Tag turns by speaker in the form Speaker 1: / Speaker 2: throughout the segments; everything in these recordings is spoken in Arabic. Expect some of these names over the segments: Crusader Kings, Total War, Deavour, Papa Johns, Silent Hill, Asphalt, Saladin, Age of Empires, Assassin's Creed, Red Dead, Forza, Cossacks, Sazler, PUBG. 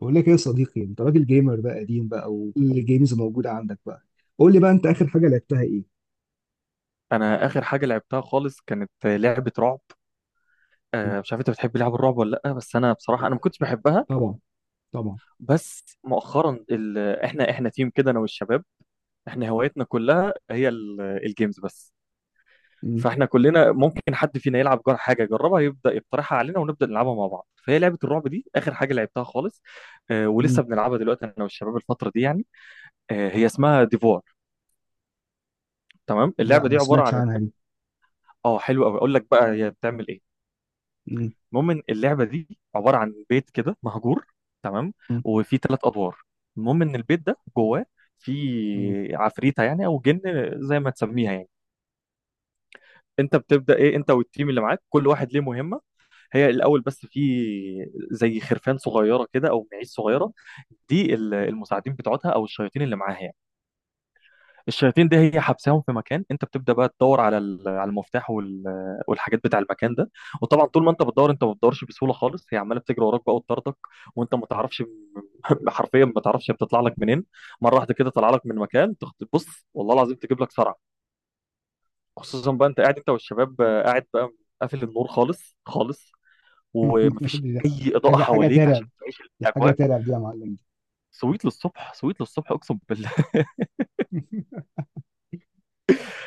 Speaker 1: بقول لك ايه يا صديقي، انت راجل جيمر بقى قديم بقى، وكل الجيمز موجوده عندك بقى. قول لي بقى، انت اخر حاجه لعبتها ايه؟
Speaker 2: انا اخر حاجه لعبتها خالص كانت لعبه رعب. مش عارف انت بتحب لعب الرعب ولا لا، بس انا بصراحه ما كنتش بحبها.
Speaker 1: طبعا. طبعا.
Speaker 2: بس مؤخرا ال... احنا تيم كده انا والشباب، احنا هوايتنا كلها هي الجيمز بس.
Speaker 1: مم.
Speaker 2: فاحنا كلنا ممكن حد فينا يلعب حاجه يجربها، يبدا يقترحها علينا ونبدا نلعبها مع بعض. فهي لعبه الرعب دي اخر حاجه لعبتها خالص.
Speaker 1: مم.
Speaker 2: ولسه بنلعبها دلوقتي انا والشباب الفتره دي يعني. هي اسمها ديفور. تمام،
Speaker 1: لا،
Speaker 2: اللعبه دي
Speaker 1: ما
Speaker 2: عباره
Speaker 1: سمعتش
Speaker 2: عن،
Speaker 1: عنها دي.
Speaker 2: اه حلو قوي اقول لك بقى هي بتعمل ايه.
Speaker 1: مم.
Speaker 2: المهم إن اللعبه دي عباره عن بيت كده مهجور، تمام،
Speaker 1: مم.
Speaker 2: وفي ثلاث ادوار. المهم ان البيت ده جواه
Speaker 1: مم.
Speaker 2: في عفريته يعني او جن، زي ما تسميها يعني. انت بتبدا ايه انت والتيم اللي معاك، كل واحد ليه مهمه. هي الاول بس في زي خرفان صغيره كده او معيش صغيره، دي المساعدين بتوعتها او الشياطين اللي معاها يعني. الشياطين دي هي حبساهم في مكان، انت بتبدا بقى تدور على على المفتاح والحاجات بتاع المكان ده. وطبعا طول ما انت بتدور انت ما بتدورش بسهوله خالص، هي عماله بتجري وراك بقى وتطاردك، وانت ما تعرفش. حرفيا ما تعرفش هي بتطلع لك منين. مره واحده كده طالعه لك من مكان تبص، والله العظيم تجيب لك صرع. خصوصا بقى انت قاعد انت والشباب، قاعد بقى قافل النور خالص خالص، ومفيش
Speaker 1: دي
Speaker 2: اي اضاءه
Speaker 1: حاجه
Speaker 2: حواليك عشان
Speaker 1: ترعب،
Speaker 2: تعيش
Speaker 1: دي حاجه
Speaker 2: الاجواء.
Speaker 1: ترعب دي يا معلم.
Speaker 2: سويت للصبح، سويت للصبح اقسم بالله.
Speaker 1: دي...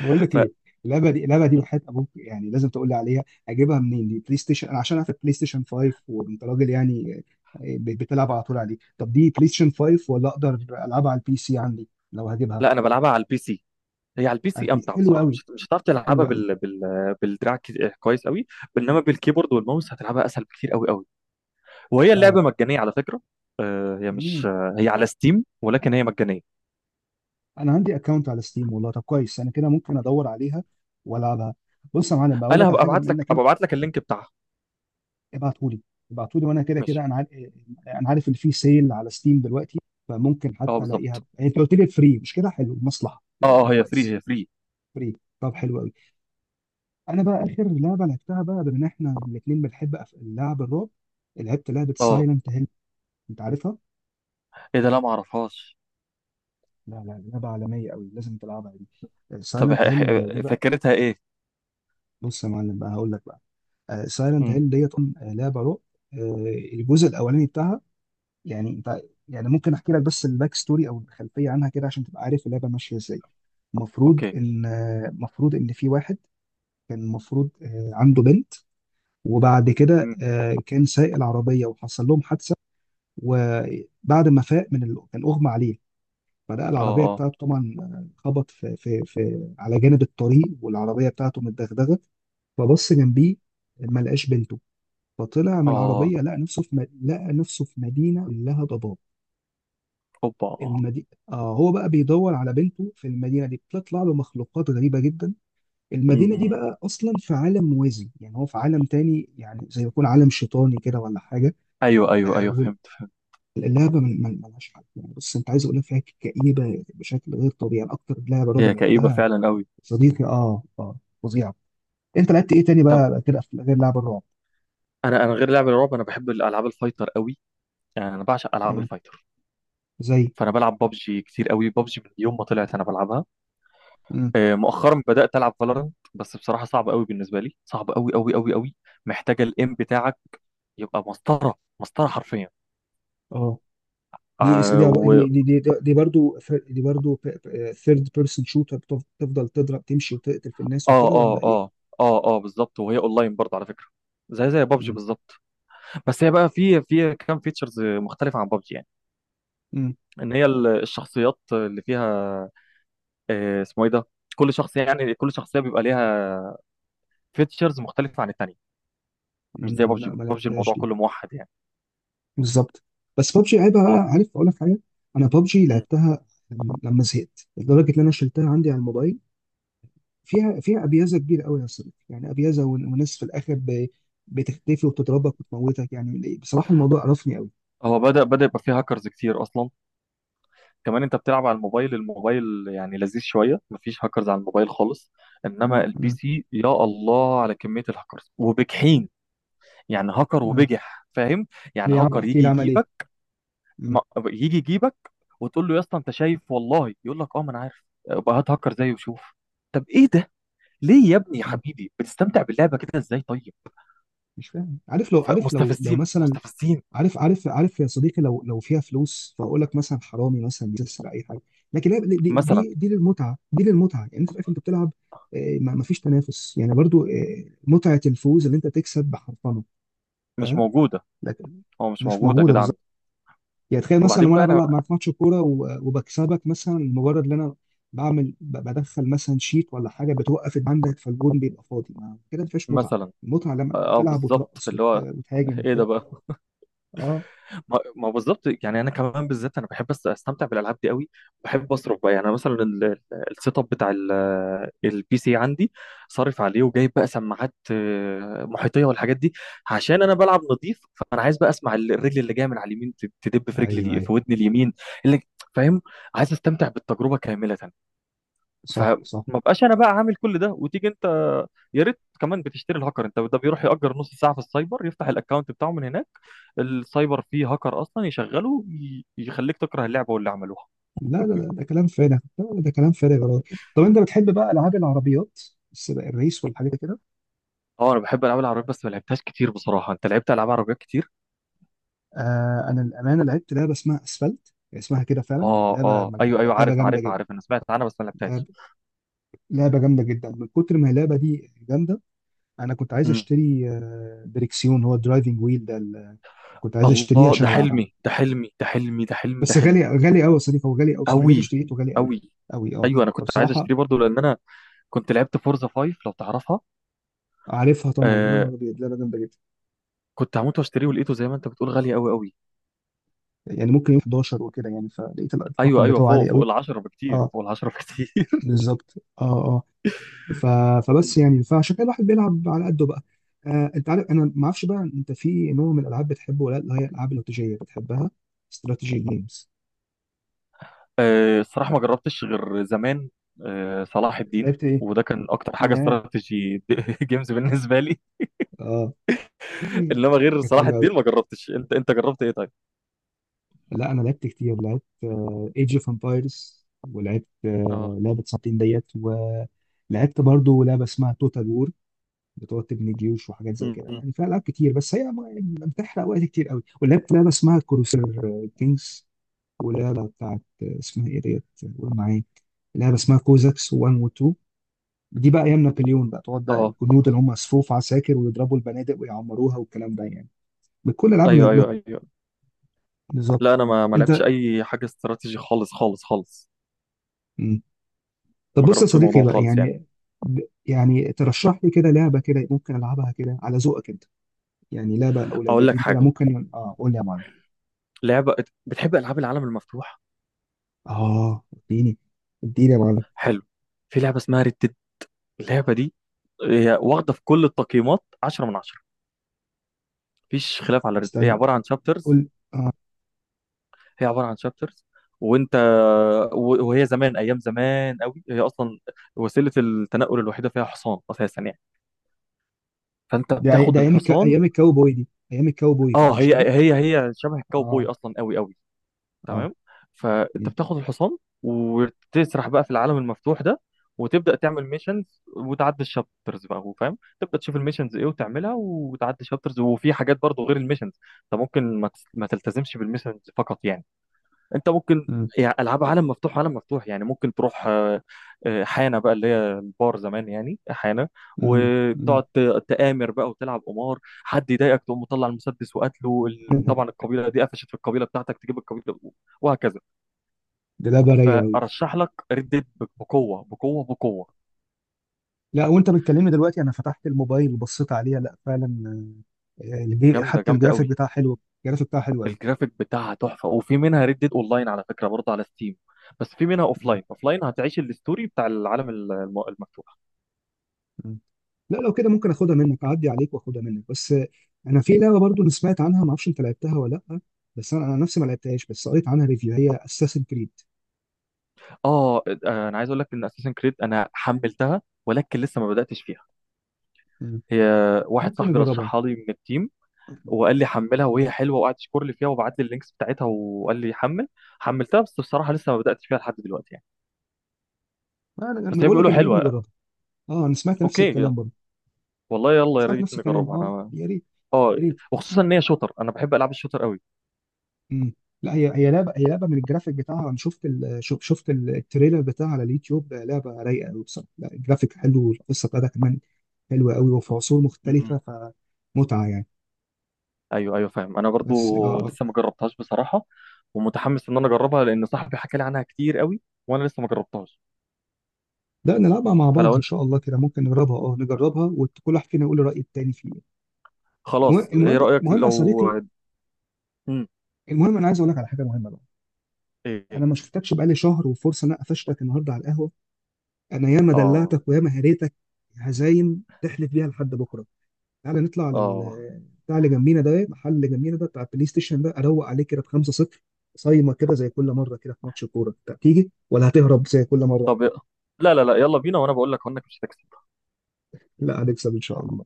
Speaker 1: بقول لك
Speaker 2: ف
Speaker 1: ايه، اللعبه دي، اللعبه دي وحياه ابوك يعني لازم تقول لي عليها. اجيبها منين؟ دي بلاي ستيشن؟ انا عشان عارف بلاي ستيشن 5 وانت راجل يعني. بتلعب على طول عليه. طب دي بلاي ستيشن 5 ولا اقدر العبها على البي سي عندي لو هجيبها؟
Speaker 2: لا انا بلعبها على البي سي. هي على البي
Speaker 1: على
Speaker 2: سي
Speaker 1: البي...
Speaker 2: امتع
Speaker 1: حلو
Speaker 2: بصراحه،
Speaker 1: قوي.
Speaker 2: مش هتعرف
Speaker 1: حلو
Speaker 2: تلعبها
Speaker 1: قوي.
Speaker 2: بال بالدراع. كويس قوي، انما بالكيبورد والماوس هتلعبها اسهل بكتير، قوي قوي. وهي
Speaker 1: فعلا.
Speaker 2: اللعبه مجانيه على فكره. آه، هي مش
Speaker 1: مم.
Speaker 2: آه، هي على ستيم ولكن هي مجانيه.
Speaker 1: انا عندي اكونت على ستيم، والله طب كويس، انا كده ممكن ادور عليها والعبها. بص يا معلم، بقول
Speaker 2: انا
Speaker 1: لك على
Speaker 2: هبقى
Speaker 1: حاجه،
Speaker 2: ابعت
Speaker 1: بما
Speaker 2: لك،
Speaker 1: انك انت...
Speaker 2: هبقى ابعت لك اللينك بتاعها.
Speaker 1: ابعتهولي. ابعتهولي، وانا كده
Speaker 2: ماشي،
Speaker 1: كده انا عارف. انا عارف ان في سيل على ستيم دلوقتي، فممكن
Speaker 2: اه
Speaker 1: حتى الاقيها
Speaker 2: بالظبط.
Speaker 1: يعني. انت قلت لي فري مش كده؟ حلو، مصلحه.
Speaker 2: اه اه هي فري،
Speaker 1: كويس.
Speaker 2: هي فري.
Speaker 1: فري؟ طب حلو قوي. انا بقى اخر لعبه لعبتها بقى، بما ان احنا الاثنين بنحب لعب الرعب، لعبت لعبه
Speaker 2: اه
Speaker 1: سايلنت هيل. انت عارفها؟
Speaker 2: ايه ده، لا ما اعرفهاش.
Speaker 1: لا لا، لعبه عالميه قوي، لازم تلعبها. دي
Speaker 2: طب
Speaker 1: سايلنت هيل دي بقى.
Speaker 2: فكرتها ايه؟
Speaker 1: بص يا معلم بقى، هقول لك بقى. سايلنت
Speaker 2: امم،
Speaker 1: هيل ديت لعبه رعب. آه، الجزء الاولاني بتاعها يعني انت... يعني ممكن احكي لك بس الباك ستوري او الخلفيه عنها كده عشان تبقى عارف اللعبه ماشيه ازاي. المفروض
Speaker 2: اوكي.
Speaker 1: ان المفروض ان في واحد كان المفروض عنده بنت. وبعد كده
Speaker 2: امم.
Speaker 1: كان سايق العربيه وحصل لهم حادثه. وبعد ما فاق من ال... كان اغمى عليه، فلقى
Speaker 2: اه
Speaker 1: العربيه
Speaker 2: اه
Speaker 1: بتاعته طبعا، خبط في على جانب الطريق، والعربيه بتاعته متدغدغه. فبص جنبيه، ما لقاش بنته. فطلع من
Speaker 2: اه
Speaker 1: العربية لقى نفسه في لقى نفسه في مدينة كلها ضباب.
Speaker 2: اوبا.
Speaker 1: المدينة... آه، هو بقى بيدور على بنته في المدينة دي، بتطلع له مخلوقات غريبة جدا. المدينة دي
Speaker 2: امم.
Speaker 1: بقى أصلا في عالم موازي، يعني هو في عالم تاني، يعني زي يكون عالم شيطاني كده ولا حاجة.
Speaker 2: ايوه ايوه
Speaker 1: آه.
Speaker 2: ايوه فهمت.
Speaker 1: واللعبة ملهاش حل يعني. بص، أنت عايز أقول لك، فيها كئيبة بشكل غير طبيعي، يعني أكتر لعبة رعب
Speaker 2: هي كئيبه
Speaker 1: لعبتها
Speaker 2: فعلا قوي.
Speaker 1: صديقي. آه آه. فظيعة. أنت لعبت إيه تاني
Speaker 2: طب
Speaker 1: بقى كده غير لعبة الرعب؟
Speaker 2: انا غير لعب الرعب، انا بحب الالعاب الفايتر قوي، يعني انا بعشق العاب
Speaker 1: مم.
Speaker 2: الفايتر.
Speaker 1: زي.
Speaker 2: فانا بلعب ببجي كتير قوي، ببجي من يوم ما طلعت انا بلعبها.
Speaker 1: مم.
Speaker 2: مؤخرا بدات العب فالورنت، بس بصراحه صعب قوي بالنسبه لي، صعب قوي قوي قوي قوي، محتاجه الام بتاعك. يبقى مسطره، مسطره حرفيا.
Speaker 1: آه.
Speaker 2: آه
Speaker 1: دي
Speaker 2: و...
Speaker 1: دي دي دي, دي برضو دي برضو ثيرد بيرسون شوتر. تفضل تضرب، تمشي وتقتل في الناس
Speaker 2: اه
Speaker 1: وكده
Speaker 2: اه
Speaker 1: ولا ايه؟
Speaker 2: اه اه اه بالظبط. وهي اونلاين برضه على فكره، زي بابجي
Speaker 1: مم.
Speaker 2: بالظبط. بس هي بقى في كام فيتشرز مختلفه عن بابجي يعني،
Speaker 1: مم.
Speaker 2: ان هي الشخصيات اللي فيها، آه، اسمه ايه ده، كل شخصيه، يعني كل شخصيه بيبقى ليها فيتشرز مختلفه عن التانيه. مش زي
Speaker 1: مم،
Speaker 2: بابجي،
Speaker 1: لا ما
Speaker 2: بابجي
Speaker 1: لعبتهاش
Speaker 2: الموضوع
Speaker 1: دي.
Speaker 2: كله موحد يعني.
Speaker 1: بالظبط. بس بابجي عيبها
Speaker 2: اه.
Speaker 1: بقى، عارف اقول لك حاجه، انا بابجي
Speaker 2: مم.
Speaker 1: لعبتها لما زهقت لدرجه ان انا شلتها عندي على الموبايل. فيها فيها ابيازه كبيره قوي يا صديقي، يعني ابيازه وناس في الاخر بتختفي وبتضربك وتموتك، يعني بصراحه الموضوع قرفني قوي.
Speaker 2: هو بدأ يبقى فيه هاكرز كتير أصلا. كمان أنت بتلعب على الموبايل، الموبايل يعني لذيذ شوية، مفيش هاكرز على الموبايل خالص. إنما البي
Speaker 1: مم.
Speaker 2: سي يا الله على كمية الهاكرز، وبجحين يعني، هاكر
Speaker 1: مم.
Speaker 2: وبجح فاهم.
Speaker 1: ليه
Speaker 2: يعني
Speaker 1: يا عم يعني؟
Speaker 2: هاكر
Speaker 1: احكي
Speaker 2: يجي
Speaker 1: لي عمل ايه.
Speaker 2: يجيبك، ما-
Speaker 1: مم.
Speaker 2: يجي يجيبك وتقول له يا اسطى أنت شايف، والله يقول لك أه ما أنا عارف، بقى هات هاكر زيه وشوف. طب إيه ده، ليه يا ابني يا
Speaker 1: مم،
Speaker 2: حبيبي بتستمتع باللعبة كده إزاي طيب؟
Speaker 1: مش فاهم. عارف لو... عارف لو
Speaker 2: فمستفزين،
Speaker 1: مثلا...
Speaker 2: مستفزين.
Speaker 1: عارف يا صديقي، لو فيها فلوس، فاقول لك مثلا حرامي مثلا بيسرق اي حاجه. لكن لا، دي
Speaker 2: مثلا
Speaker 1: دي دي للمتعه، دي للمتعه، يعني انت في الاخر انت بتلعب. ما فيش تنافس يعني برضو، متعه الفوز اللي انت تكسب بحرفنه.
Speaker 2: مش
Speaker 1: فاهم.
Speaker 2: موجودة،
Speaker 1: لكن
Speaker 2: هو مش
Speaker 1: مش
Speaker 2: موجودة
Speaker 1: موجوده
Speaker 2: كده
Speaker 1: بالظبط.
Speaker 2: عندي.
Speaker 1: يعني تخيل مثلا
Speaker 2: وبعدين
Speaker 1: لو
Speaker 2: بقى
Speaker 1: انا
Speaker 2: أنا،
Speaker 1: بلعب معاك ماتش كوره وبكسبك، مثلا مجرد ان انا بعمل بدخل مثلا شيت ولا حاجه، بتوقف عندك فالجون بيبقى فاضي، ما كده ما فيهاش متعه.
Speaker 2: مثلا
Speaker 1: المتعه لما
Speaker 2: اه
Speaker 1: تلعب
Speaker 2: بالظبط
Speaker 1: وترقص
Speaker 2: اللي هو،
Speaker 1: وتهاجم
Speaker 2: ايه ده
Speaker 1: وكده.
Speaker 2: بقى.
Speaker 1: اه.
Speaker 2: ما بالظبط، يعني انا كمان بالذات انا بحب استمتع بالالعاب دي قوي. بحب اصرف بقى يعني، مثلا السيت اب بتاع البي سي عندي، صارف عليه وجايب بقى سماعات محيطيه والحاجات دي، عشان انا بلعب نظيف، فانا عايز بقى اسمع الرجل اللي جايه من على اليمين تدب في
Speaker 1: ايوه
Speaker 2: رجلي،
Speaker 1: ايوه.
Speaker 2: في ودني اليمين اللي، فاهم، عايز استمتع بالتجربه كامله.
Speaker 1: صح
Speaker 2: فما
Speaker 1: صح.
Speaker 2: بقاش انا بقى عامل كل ده وتيجي انت يا ريت كمان بتشتري الهاكر، انت ده بيروح يأجر نص ساعه في السايبر يفتح الاكونت بتاعه من هناك. السايبر فيه هاكر اصلا يشغله، يخليك تكره اللعبه واللي عملوها.
Speaker 1: لا لا لا، ده كلام فارغ. لا لا، ده كلام فارغ والله. طب انت بتحب بقى العاب العربيات، السباق، الريس والحاجات دي كده؟
Speaker 2: اه انا بحب العاب العربيات بس ما لعبتهاش كتير بصراحه، انت لعبت العاب عربيات كتير؟
Speaker 1: آه، انا الامانه لعبت لعبه اسمها اسفلت، اسمها كده فعلا،
Speaker 2: اه
Speaker 1: لعبه...
Speaker 2: اه ايوه
Speaker 1: لعبه
Speaker 2: عارف
Speaker 1: جامده
Speaker 2: عارف
Speaker 1: جدا،
Speaker 2: عارف انا سمعت عنها بس ما
Speaker 1: لعبه...
Speaker 2: لعبتهاش.
Speaker 1: لعبه جامده جدا. من كتر ما اللعبه دي جامده، انا كنت عايز
Speaker 2: مم.
Speaker 1: اشتري دريكسيون، هو الدرايفنج ويل ده. كنت عايز اشتريه
Speaker 2: الله، ده
Speaker 1: عشان العبها.
Speaker 2: حلمي، ده حلمي، ده حلمي، ده حلمي، ده
Speaker 1: بس
Speaker 2: حلمي.
Speaker 1: غالي، غالي قوي يا صديقي، هو غالي قوي. انا جيت
Speaker 2: قوي
Speaker 1: اشتريته غالي قوي
Speaker 2: قوي.
Speaker 1: قوي. اه.
Speaker 2: ايوه انا كنت عايز
Speaker 1: فبصراحه...
Speaker 2: اشتريه برضو لان انا كنت لعبت فورزا 5 لو تعرفها.
Speaker 1: عارفها طبعا، يا
Speaker 2: آه،
Speaker 1: نهار ابيض، لعبه جامده جدا.
Speaker 2: كنت هموت واشتريه، ولقيته زي ما انت بتقول غالي قوي قوي.
Speaker 1: يعني ممكن يوم 11 وكده، يعني فلقيت
Speaker 2: ايوه
Speaker 1: الرقم
Speaker 2: ايوه
Speaker 1: بتاعه عالي
Speaker 2: فوق، فوق
Speaker 1: قوي.
Speaker 2: العشرة بكتير،
Speaker 1: اه
Speaker 2: فوق العشرة بكتير.
Speaker 1: بالظبط. اه اه. ف... فبس يعني، فعشان كده الواحد بيلعب على قده بقى. آه، انت عارف، انا ما اعرفش بقى انت في نوع من الالعاب بتحبه ولا لا، اللي هي الالعاب الاستراتيجيه بتحبها، استراتيجي جيمز؟
Speaker 2: الصراحة ما جربتش غير زمان، صلاح الدين،
Speaker 1: لعبت ايه؟
Speaker 2: وده كان اكتر حاجة
Speaker 1: ياه.
Speaker 2: استراتيجي جيمز بالنسبة لي.
Speaker 1: اه.
Speaker 2: انما غير
Speaker 1: كان
Speaker 2: صلاح
Speaker 1: حلو قوي.
Speaker 2: الدين ما جربتش، انت جربت ايه طيب؟
Speaker 1: لا، انا لعبت كتير. لعبت ايج اوف امبايرز، ولعبت آه
Speaker 2: اه.
Speaker 1: لعبه ساعتين ديت، ولعبت برضو لعبه اسمها توتال وور. بتقعد تبني جيوش وحاجات زي
Speaker 2: م-
Speaker 1: كده
Speaker 2: م.
Speaker 1: يعني، فيها العاب كتير بس هي ما... بتحرق وقت كتير قوي. ولعبت لعبه اسمها كروسير كينجز. ولعبة بتاعت اسمها ايه ديت؟ قول معايا. لعبة اسمها كوزاكس 1 و 2. دي بقى ايام نابليون بقى، تقعد بقى
Speaker 2: اه.
Speaker 1: الجنود اللي هم صفوف عساكر ويضربوا البنادق ويعمروها والكلام ده يعني، بكل العاب
Speaker 2: ايوه ايوه
Speaker 1: يعني.
Speaker 2: ايوه.
Speaker 1: بالظبط.
Speaker 2: لا انا ما
Speaker 1: انت.
Speaker 2: لعبتش اي حاجة استراتيجي خالص خالص خالص،
Speaker 1: مم. طب
Speaker 2: ما
Speaker 1: بص يا
Speaker 2: جربتش
Speaker 1: صديقي
Speaker 2: الموضوع
Speaker 1: بقى
Speaker 2: خالص يعني.
Speaker 1: يعني، ب- يعني ترشح لي كده لعبة كده ممكن العبها كده على ذوقك انت. يعني لعبة او
Speaker 2: اقول لك
Speaker 1: لعبتين كده
Speaker 2: حاجة،
Speaker 1: ممكن، اه قول لي يا معلم.
Speaker 2: لعبة، بتحب العاب العالم المفتوح؟
Speaker 1: اه اديني، اديني يا معلم.
Speaker 2: حلو، في لعبة اسمها ريد. اللعبة دي هي واخدة في كل التقييمات 10 من 10، مفيش خلاف على الرد. هي
Speaker 1: استنى،
Speaker 2: عبارة عن شابترز،
Speaker 1: قول.
Speaker 2: هي عبارة عن شابترز، وانت، وهي زمان، ايام زمان قوي هي اصلا، وسيلة التنقل الوحيدة فيها حصان اساسا يعني، فانت
Speaker 1: ده
Speaker 2: بتاخد
Speaker 1: ده ايام
Speaker 2: الحصان.
Speaker 1: ايام الكاوبوي، دي ايام الكاوبوي
Speaker 2: اه
Speaker 1: فمش
Speaker 2: هي
Speaker 1: كده؟
Speaker 2: هي شبه الكاوبوي
Speaker 1: اه
Speaker 2: اصلا، قوي قوي
Speaker 1: اه.
Speaker 2: تمام. فانت
Speaker 1: مم.
Speaker 2: بتاخد الحصان وتسرح بقى في العالم المفتوح ده، وتبدا تعمل ميشنز وتعدي الشابترز بقى، هو فاهم، تبدا تشوف الميشنز ايه وتعملها وتعدي الشابترز. وفي حاجات برضو غير الميشنز، انت ممكن ما تلتزمش بالميشنز فقط يعني، انت ممكن،
Speaker 1: مم.
Speaker 2: يعني العاب عالم مفتوح، عالم مفتوح يعني ممكن تروح حانه بقى، اللي هي البار زمان يعني حانه،
Speaker 1: مم. مم.
Speaker 2: وتقعد تآمر بقى وتلعب قمار، حد يضايقك تقوم مطلع المسدس وقتله، طبعا القبيله دي قفشت في القبيله بتاعتك، تجيب القبيله، وهكذا.
Speaker 1: دي لا برية أوي.
Speaker 2: فارشح لك ريد ديد، بقوه بقوه بقوه.
Speaker 1: لا، وأنت بتكلمني دلوقتي أنا فتحت الموبايل وبصيت عليها، لا فعلا.
Speaker 2: جامده،
Speaker 1: حتى
Speaker 2: جامده
Speaker 1: الجرافيك
Speaker 2: قوي.
Speaker 1: بتاعها حلو. الجرافيك بتاعها حلو أوي.
Speaker 2: الجرافيك بتاعها تحفه، وفي منها ريد ديد اونلاين على فكره برضه على ستيم، بس في منها
Speaker 1: مم.
Speaker 2: اوفلاين، اوفلاين هتعيش الستوري بتاع العالم المفتوح.
Speaker 1: مم. لا لو كده ممكن اخدها منك، اعدي عليك واخدها منك بس. انا في لعبه برضو انا سمعت عنها، ما اعرفش انت لعبتها ولا لا، بس انا نفسي ما لعبتهاش، بس قريت عنها ريفيو، هي اساسن كريد.
Speaker 2: اه انا عايز اقول لك ان اساسن كريد انا حملتها ولكن لسه ما بداتش فيها. هي واحد
Speaker 1: ممكن
Speaker 2: صاحبي
Speaker 1: نجربها.
Speaker 2: رشحها لي من التيم، وقال لي حملها وهي حلوه، وقعد يشكر لي فيها وبعت لي اللينكس بتاعتها وقال لي حمل. حملتها بس بصراحه لسه ما بداتش فيها لحد دلوقتي يعني.
Speaker 1: انا
Speaker 2: بس هي
Speaker 1: بقول لك
Speaker 2: بيقولوا
Speaker 1: ما نيجي
Speaker 2: حلوه.
Speaker 1: نجربها. اه انا سمعت نفس
Speaker 2: اوكي، يلا،
Speaker 1: الكلام برضو.
Speaker 2: والله يلا يا
Speaker 1: سمعت
Speaker 2: ريت
Speaker 1: نفس الكلام.
Speaker 2: نجربها،
Speaker 1: اه
Speaker 2: انا
Speaker 1: يا ريت.
Speaker 2: اه،
Speaker 1: يا ريت.
Speaker 2: وخصوصا ان هي شوتر، انا بحب العاب الشوتر قوي.
Speaker 1: مم. لا هي هي لعبه، هي لعبه من الجرافيك بتاعها، انا شفت ال... شفت التريلر بتاعها على اليوتيوب، لعبه رايقه قوي بصراحه، لا الجرافيك حلو والقصه بتاعتها كمان حلوه قوي وفي عصور
Speaker 2: مم.
Speaker 1: مختلفه، فمتعه يعني.
Speaker 2: ايوه فاهم، انا برضو
Speaker 1: بس اه آه.
Speaker 2: لسه ما جربتهاش بصراحه، ومتحمس ان انا اجربها لان صاحبي حكى لي عنها كتير قوي، وانا لسه ما جربتهاش.
Speaker 1: لا نلعبها مع
Speaker 2: فلو
Speaker 1: بعض ان شاء الله، كده ممكن نجربها، اه نجربها وكل واحد فينا يقول الراي التاني فيه. المهم
Speaker 2: خلاص ايه
Speaker 1: المهم
Speaker 2: رأيك
Speaker 1: المهم يا
Speaker 2: لو؟
Speaker 1: صديقي،
Speaker 2: مم.
Speaker 1: المهم انا عايز اقول لك على حاجه مهمه بقى.
Speaker 2: ايه؟
Speaker 1: انا ما شفتكش بقالي شهر، وفرصه ان انا قفشتك النهارده على القهوه. انا ياما
Speaker 2: اه
Speaker 1: دلعتك وياما هريتك هزايم تحلف بيها لحد بكره. تعالى نطلع على
Speaker 2: اه
Speaker 1: بتاع اللي جنبينا ده، المحل اللي جنبينا ده بتاع البلاي ستيشن ده، اروق عليه كده بخمسة صفر. صايمة كده زي كل مرة كده في ماتش الكورة، أنت تيجي ولا هتهرب زي كل مرة؟
Speaker 2: طب لا لا لا، يلا بينا، وانا بقول لك انك مش هتكسب.
Speaker 1: لا هنكسب إن شاء الله.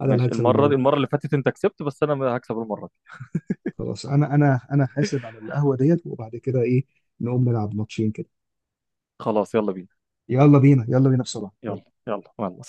Speaker 1: أنا اللي
Speaker 2: ماشي،
Speaker 1: هكسب
Speaker 2: المرة
Speaker 1: المرة
Speaker 2: دي،
Speaker 1: دي.
Speaker 2: المرة اللي فاتت انت كسبت بس انا هكسب المرة دي.
Speaker 1: خلاص أنا أنا حاسب على القهوة ديت، وبعد كده إيه، نقوم نلعب ماتشين كده.
Speaker 2: خلاص يلا بينا.
Speaker 1: يلا بينا، يلا بينا بسرعة، يلا.
Speaker 2: يلا يلا مع